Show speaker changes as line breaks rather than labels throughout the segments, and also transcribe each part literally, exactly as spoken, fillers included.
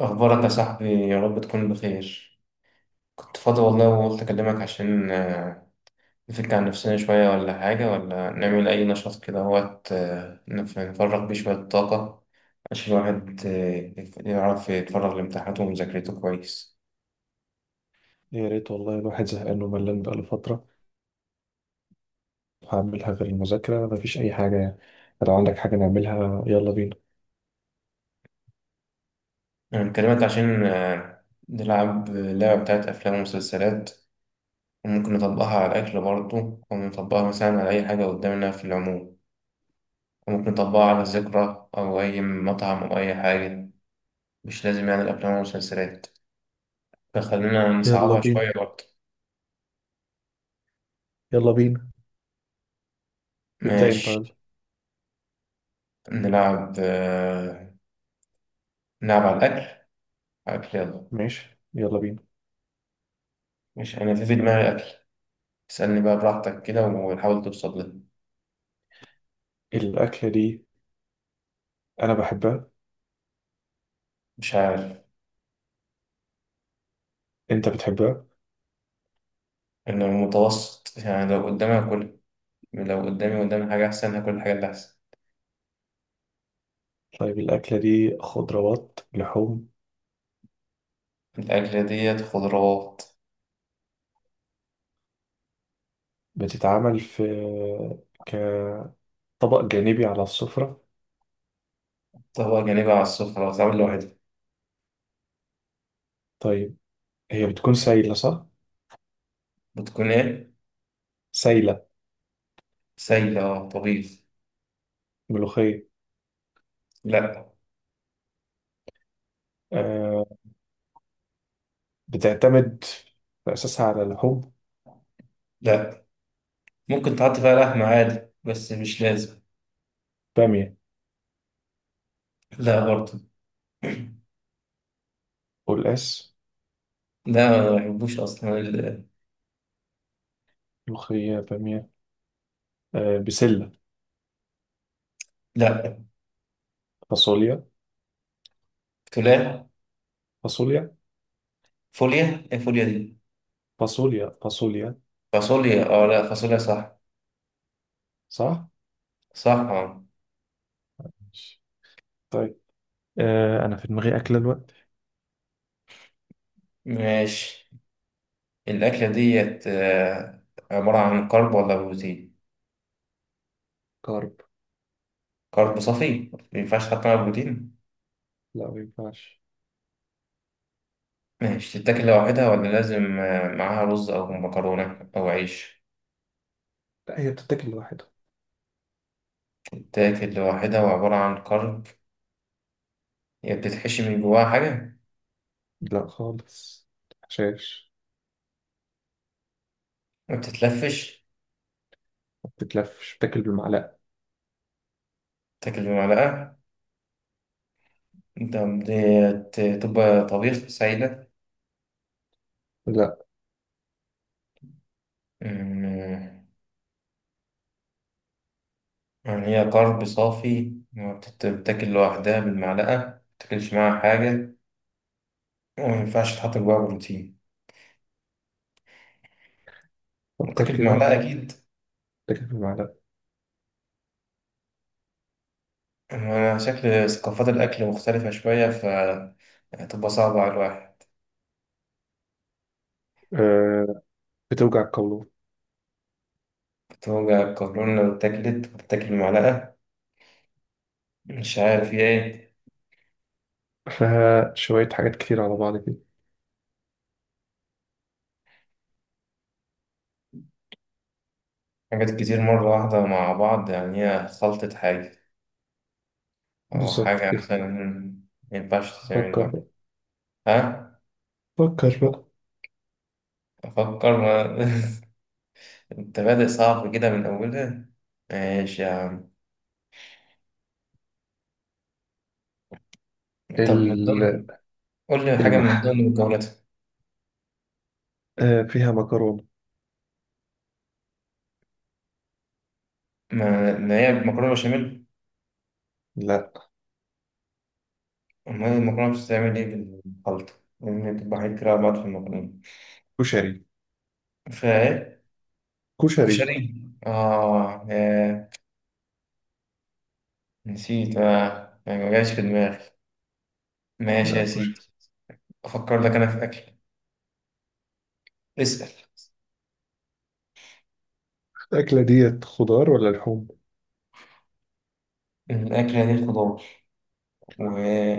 أخبارك يا صاحبي؟ يا رب تكون بخير. كنت فاضي والله وقلت أكلمك عشان آه، نفك عن نفسنا شوية، ولا حاجة، ولا نعمل أي نشاط كده وقت نفرغ بيه شوية طاقة، عشان الواحد آه، يعرف يتفرغ لامتحاناته ومذاكرته كويس.
يا ريت والله الواحد زهقان وملان بقاله فترة. هعملها غير المذاكرة مفيش أي حاجة يعني. لو عندك حاجة نعملها يلا بينا.
أنا بكلمك عشان آه، نلعب لعبة بتاعت أفلام ومسلسلات، وممكن نطبقها على الأكل برضه، ونطبقها مثلا على أي حاجة قدامنا في العموم، وممكن نطبقها على ذكرى أو أي مطعم أو أي حاجة. مش لازم يعني الأفلام والمسلسلات، فخلينا
يلا
نصعبها
بينا،
شوية برضه.
يلا بينا. ابدأ انت
ماشي.
يلا.
نلعب آه، نلعب على الأكل. أكل، يلا.
ماشي يلا بينا.
مش أنا في في دماغي أكل. اسألني بقى براحتك كده وحاول توصل لي.
الأكلة دي أنا بحبها.
مش عارف،
أنت بتحبها؟
إنه المتوسط، يعني لو قدامي هاكل، لو قدامي قدامي حاجة أحسن هاكل الحاجة اللي أحسن.
طيب الأكلة دي خضروات، لحوم؟
الأكلة ديت خضروات.
بتتعمل في كطبق جانبي على السفرة؟
طبق جانبي على السفرة، بتتعمل لوحدها.
طيب هي بتكون سايلة صح؟
بتكون إيه؟
سايلة.
سايلة، آه، طبيخ.
ملوخية؟
لأ.
أه، بتعتمد في أساسها على لحوم؟
لأ، ممكن تحط فيها لحمة عادي بس مش لازم.
بامية؟
لا برضه.
قلقاس؟
ده ما بحبوش اصلا ال-
ملوخية، بامية، آه بسلة،
لا.
فاصوليا،
تولاه.
فاصوليا،
فوليا، ايه فوليا دي؟
فاصوليا، فاصوليا،
فاصوليا، اه لا فاصوليا صح.
صح؟
صح، اه.
ماشي. طيب آه أنا في دماغي أكلة الوقت.
ماشي. الاكله ديت آه، عباره عن كرب ولا بروتين؟
كارب.
كرب صافي، ما ينفعش تحط معاها بروتين.
لا ما ينفعش.
ماشي، تتاكل لوحدها ولا لازم آه، معاها رز او مكرونه او عيش؟
لا هي بتتاكل لوحدها.
تتاكل لوحدها وعباره عن كرب. هي بتتحشي من جواها حاجه؟
لا خالص. شاش.
ما بتتلفش.
ما بتتلفش بتاكل بالمعلقة.
تاكل بمعلقه انت؟ بتبقى طبيخ سايله؟
لا.
أمم، يعني هي طرب صافي، ما بتت- بتاكل لوحدها بالمعلقة، ما بتاكلش معاها حاجة، وما ينفعش تحط جواها بروتين،
فكر
وتاكل
كده.
بمعلقة أكيد.
بتاكل بالمعلقة.
أنا شكل ثقافات الأكل مختلفة شوية، فتبقى صعبة على الواحد.
آه، بتوجع القولون.
بتوجع القولون لو اتاكلت؟ بتاكل بمعلقة، مش عارف هي إيه.
فيها شوية حاجات كتير على بعض كده.
حاجات كتير مرة واحدة مع بعض، يعني هي خلطة حاجة أو
بالظبط
حاجة
كده.
مثلا، ما ينفعش تتعمل
فكر
لوحدها.
بقى،
ها؟
فكر بقى.
أفكر ما انت بادئ صعب كده من اولها. ماشي يا عم. طب من
ال-
ضمن، قول لي حاجه من
المح.
ضمن مكوناتها.
آه فيها مكرونة.
ما ما هي مكرونه بشاميل؟
لا.
امال المكرونه بتتعمل ايه بالخلطه؟ لان بتبقى حاجات كتير على بعض في المكرونه.
كشري،
فايه؟
كشري.
كشري؟ اه يا، نسيت، اه يعني ما جاش في دماغي. ماشي يا
لا كشري.
سيدي. افكر لك انا في اكل. اسال.
الأكلة ديت خضار ولا لحوم؟
الاكله دي خضار،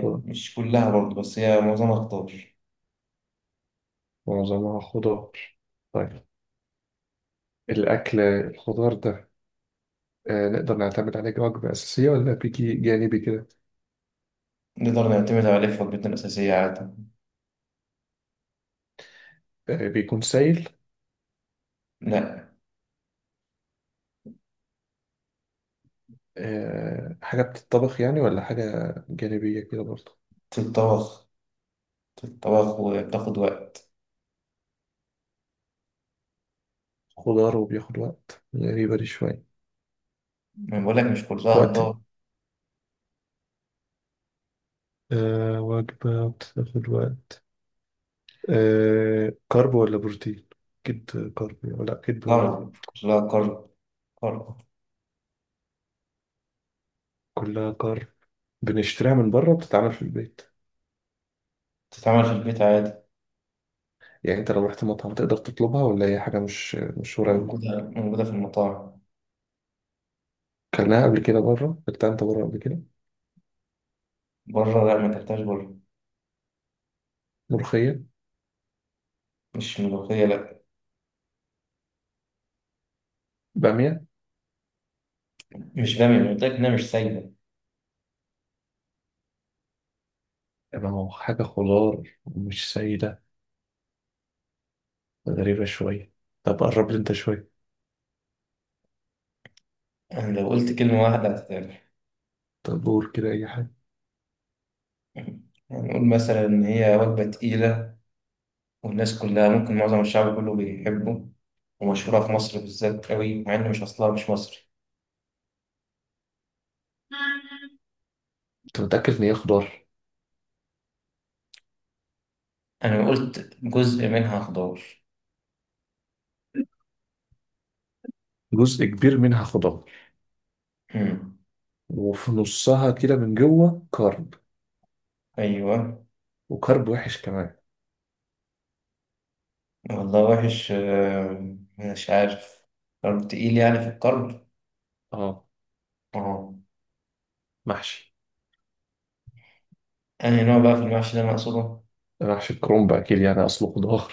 خضار.
كلها برضه بس هي معظمها خضار.
معظمها خضار. طيب الأكل الخضار ده آه نقدر نعتمد عليه كوجبة أساسية ولا بيجي جانبي كده؟
نقدر نعتمد عليه في وجبتنا الاساسيه عادي.
آه بيكون سائل؟
لا.
آه حاجة بتتطبخ يعني ولا حاجة جانبية كده برضه؟
في الطبخ، الطبخ وبتاخد وقت.
خضار وبياخد وقت، غريبة دي شوية.
يعني بقول لك مش كلها مم.
وقت إيه؟
ضغط.
آه وجبة بتاخد وقت. آه كارب ولا بروتين؟ أكيد كارب ولا أكيد.
ضرب كلها كرب. كرب.
كلها كارب. بنشتريها من بره بتتعمل في البيت؟
بتتعمل في البيت عادي.
يعني انت لو رحت مطعم تقدر تطلبها ولا هي حاجة مش مشهورة أوي؟
موجودة موجودة في المطاعم.
كلناها قبل كده بره، اكلتها انت بره قبل كده؟
بره؟ لا، ما تحتاج بره.
ملوخية؟
مش ملوخية، لا.
بامية؟
مش بامية، أنا قلت لك إنها مش سايبة.
يبقى ما هو حاجة خضار مش سيدة، غريبة شوية. طب قرب لي انت شوية.
أنا لو قلت كلمة واحدة هتتعمل.
طب قول كده أي حاجة.
يعني نقول مثلا إن هي وجبة تقيلة، والناس كلها ممكن، معظم الشعب كله بيحبه، ومشهورة في مصر بالذات قوي، مع إن مش أصلها، مش مصري.
أنت متأكد إن هي خضار؟
أنا قلت جزء منها خضار.
جزء كبير منها خضار.
أمم.
وفي نصها كده من جوه كرب.
أيوه.
وكرب وحش كمان.
والله وحش، آه، مش عارف. طب تقيل يعني في القلب؟
اه.
اه.
محشي.
أنهي نوع بقى في المحشي اللي أنا أقصده؟
محشي الكرنب أكيد يعني أصله خضار.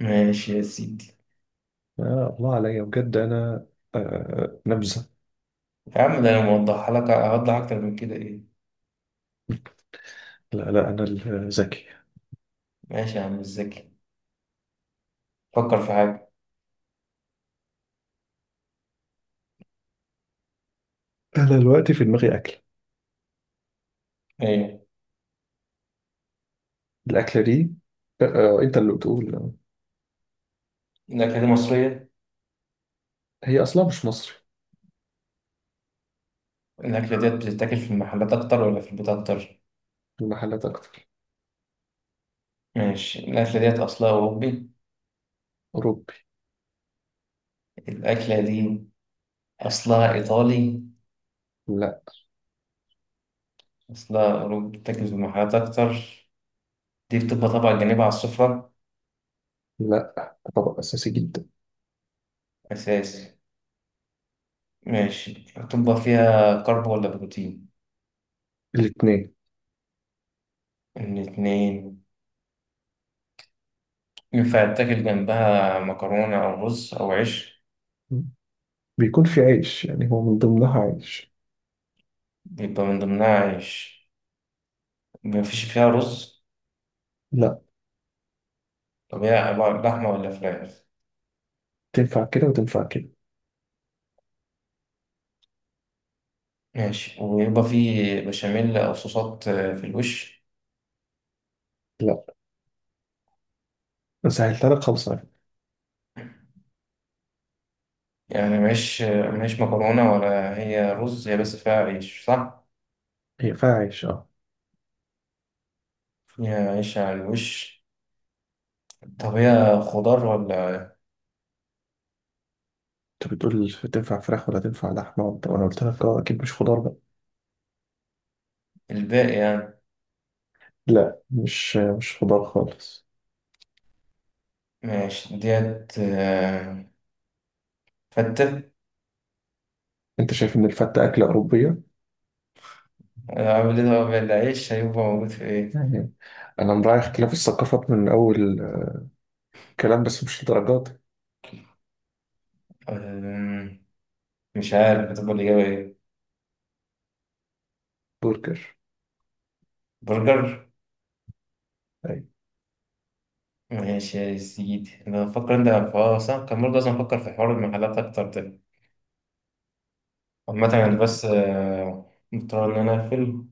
ماشي يا سيدي.
آه الله عليا بجد أنا، آه نبذة.
يا عم ده أنا موضحها لك أوضح أكتر من كده إيه؟
لا لا أنا الذكي.
ماشي يا عم، مش ذكي. فكر في حاجة.
انا دلوقتي في دماغي اكله.
إيه؟
الاكله دي، آه، آه، انت اللي بتقول آه،
الأكلة دي مصرية.
هي اصلا مش مصري.
الأكلة ديت بتتاكل في المحلات أكتر ولا في البيت أكتر؟
المحلات اكتر.
ماشي الأكلة ديت أصلها أوروبي.
اوروبي.
الأكلة دي أصلها إيطالي.
لا.
أصلها أوروبي، بتتاكل في المحلات أكتر. دي بتبقى طبعا جانبها على السفرة.
لا طبق اساسي جدا.
أساسي. ماشي، هتبقى فيها كرب ولا بروتين؟
الاثنين.
الاتنين. ينفع يتاكل جنبها مكرونة أو رز أو عيش؟
بيكون في عيش، يعني هو من ضمنها عيش.
يبقى من ضمنها عيش، مفيش فيها رز.
لا.
طب هي عبارة- لحمة ولا فراخ؟
تنفع كده وتنفع كده.
ماشي، ويبقى فيه بشاميل أو صوصات آه، في الوش؟
لا. سهلتها لك خالص على فكرة.
يعني مش مش مكرونة ولا هي رز، هي بس فيها عيش صح؟
هي فيها عيش اه.
فيها عيش على الوش. طب هي خضار ولا؟
انت بتقول تنفع فراخ ولا تنفع لحمه، وانت وانا قلت لك اه اكيد مش خضار بقى.
الباقي يعني.
لا مش مش خضار خالص.
ماشي، ديت آه، فتة.
انت شايف ان الفته اكله اوروبيه
آه، عامل ايه بقى العيش، هيبقى موجود في ايه؟
يعني؟ انا مراعي اختلاف الثقافات من اول كلام بس مش الدرجات دي.
أمم، مش عارف هتبقى الإجابة ايه؟
برجر.
برجر؟
أيوة.
ماشي يا سيدي، أنا بفكر، أنت اه صح، كان برضه لازم أفكر في حوار المحلات أكتر ده. عامة أنا بس
لا،
آه، مضطر إن أنا أقفل،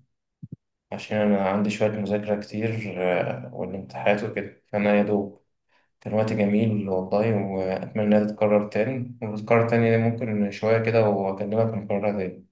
عشان أنا عندي شوية مذاكرة كتير، آه، والامتحانات وكده، فأنا يا دوب. كان وقت جميل والله، وأتمنى إنها تتكرر تاني، وتتكرر تاني ممكن شوية كده، وأكلمك نكررها تاني.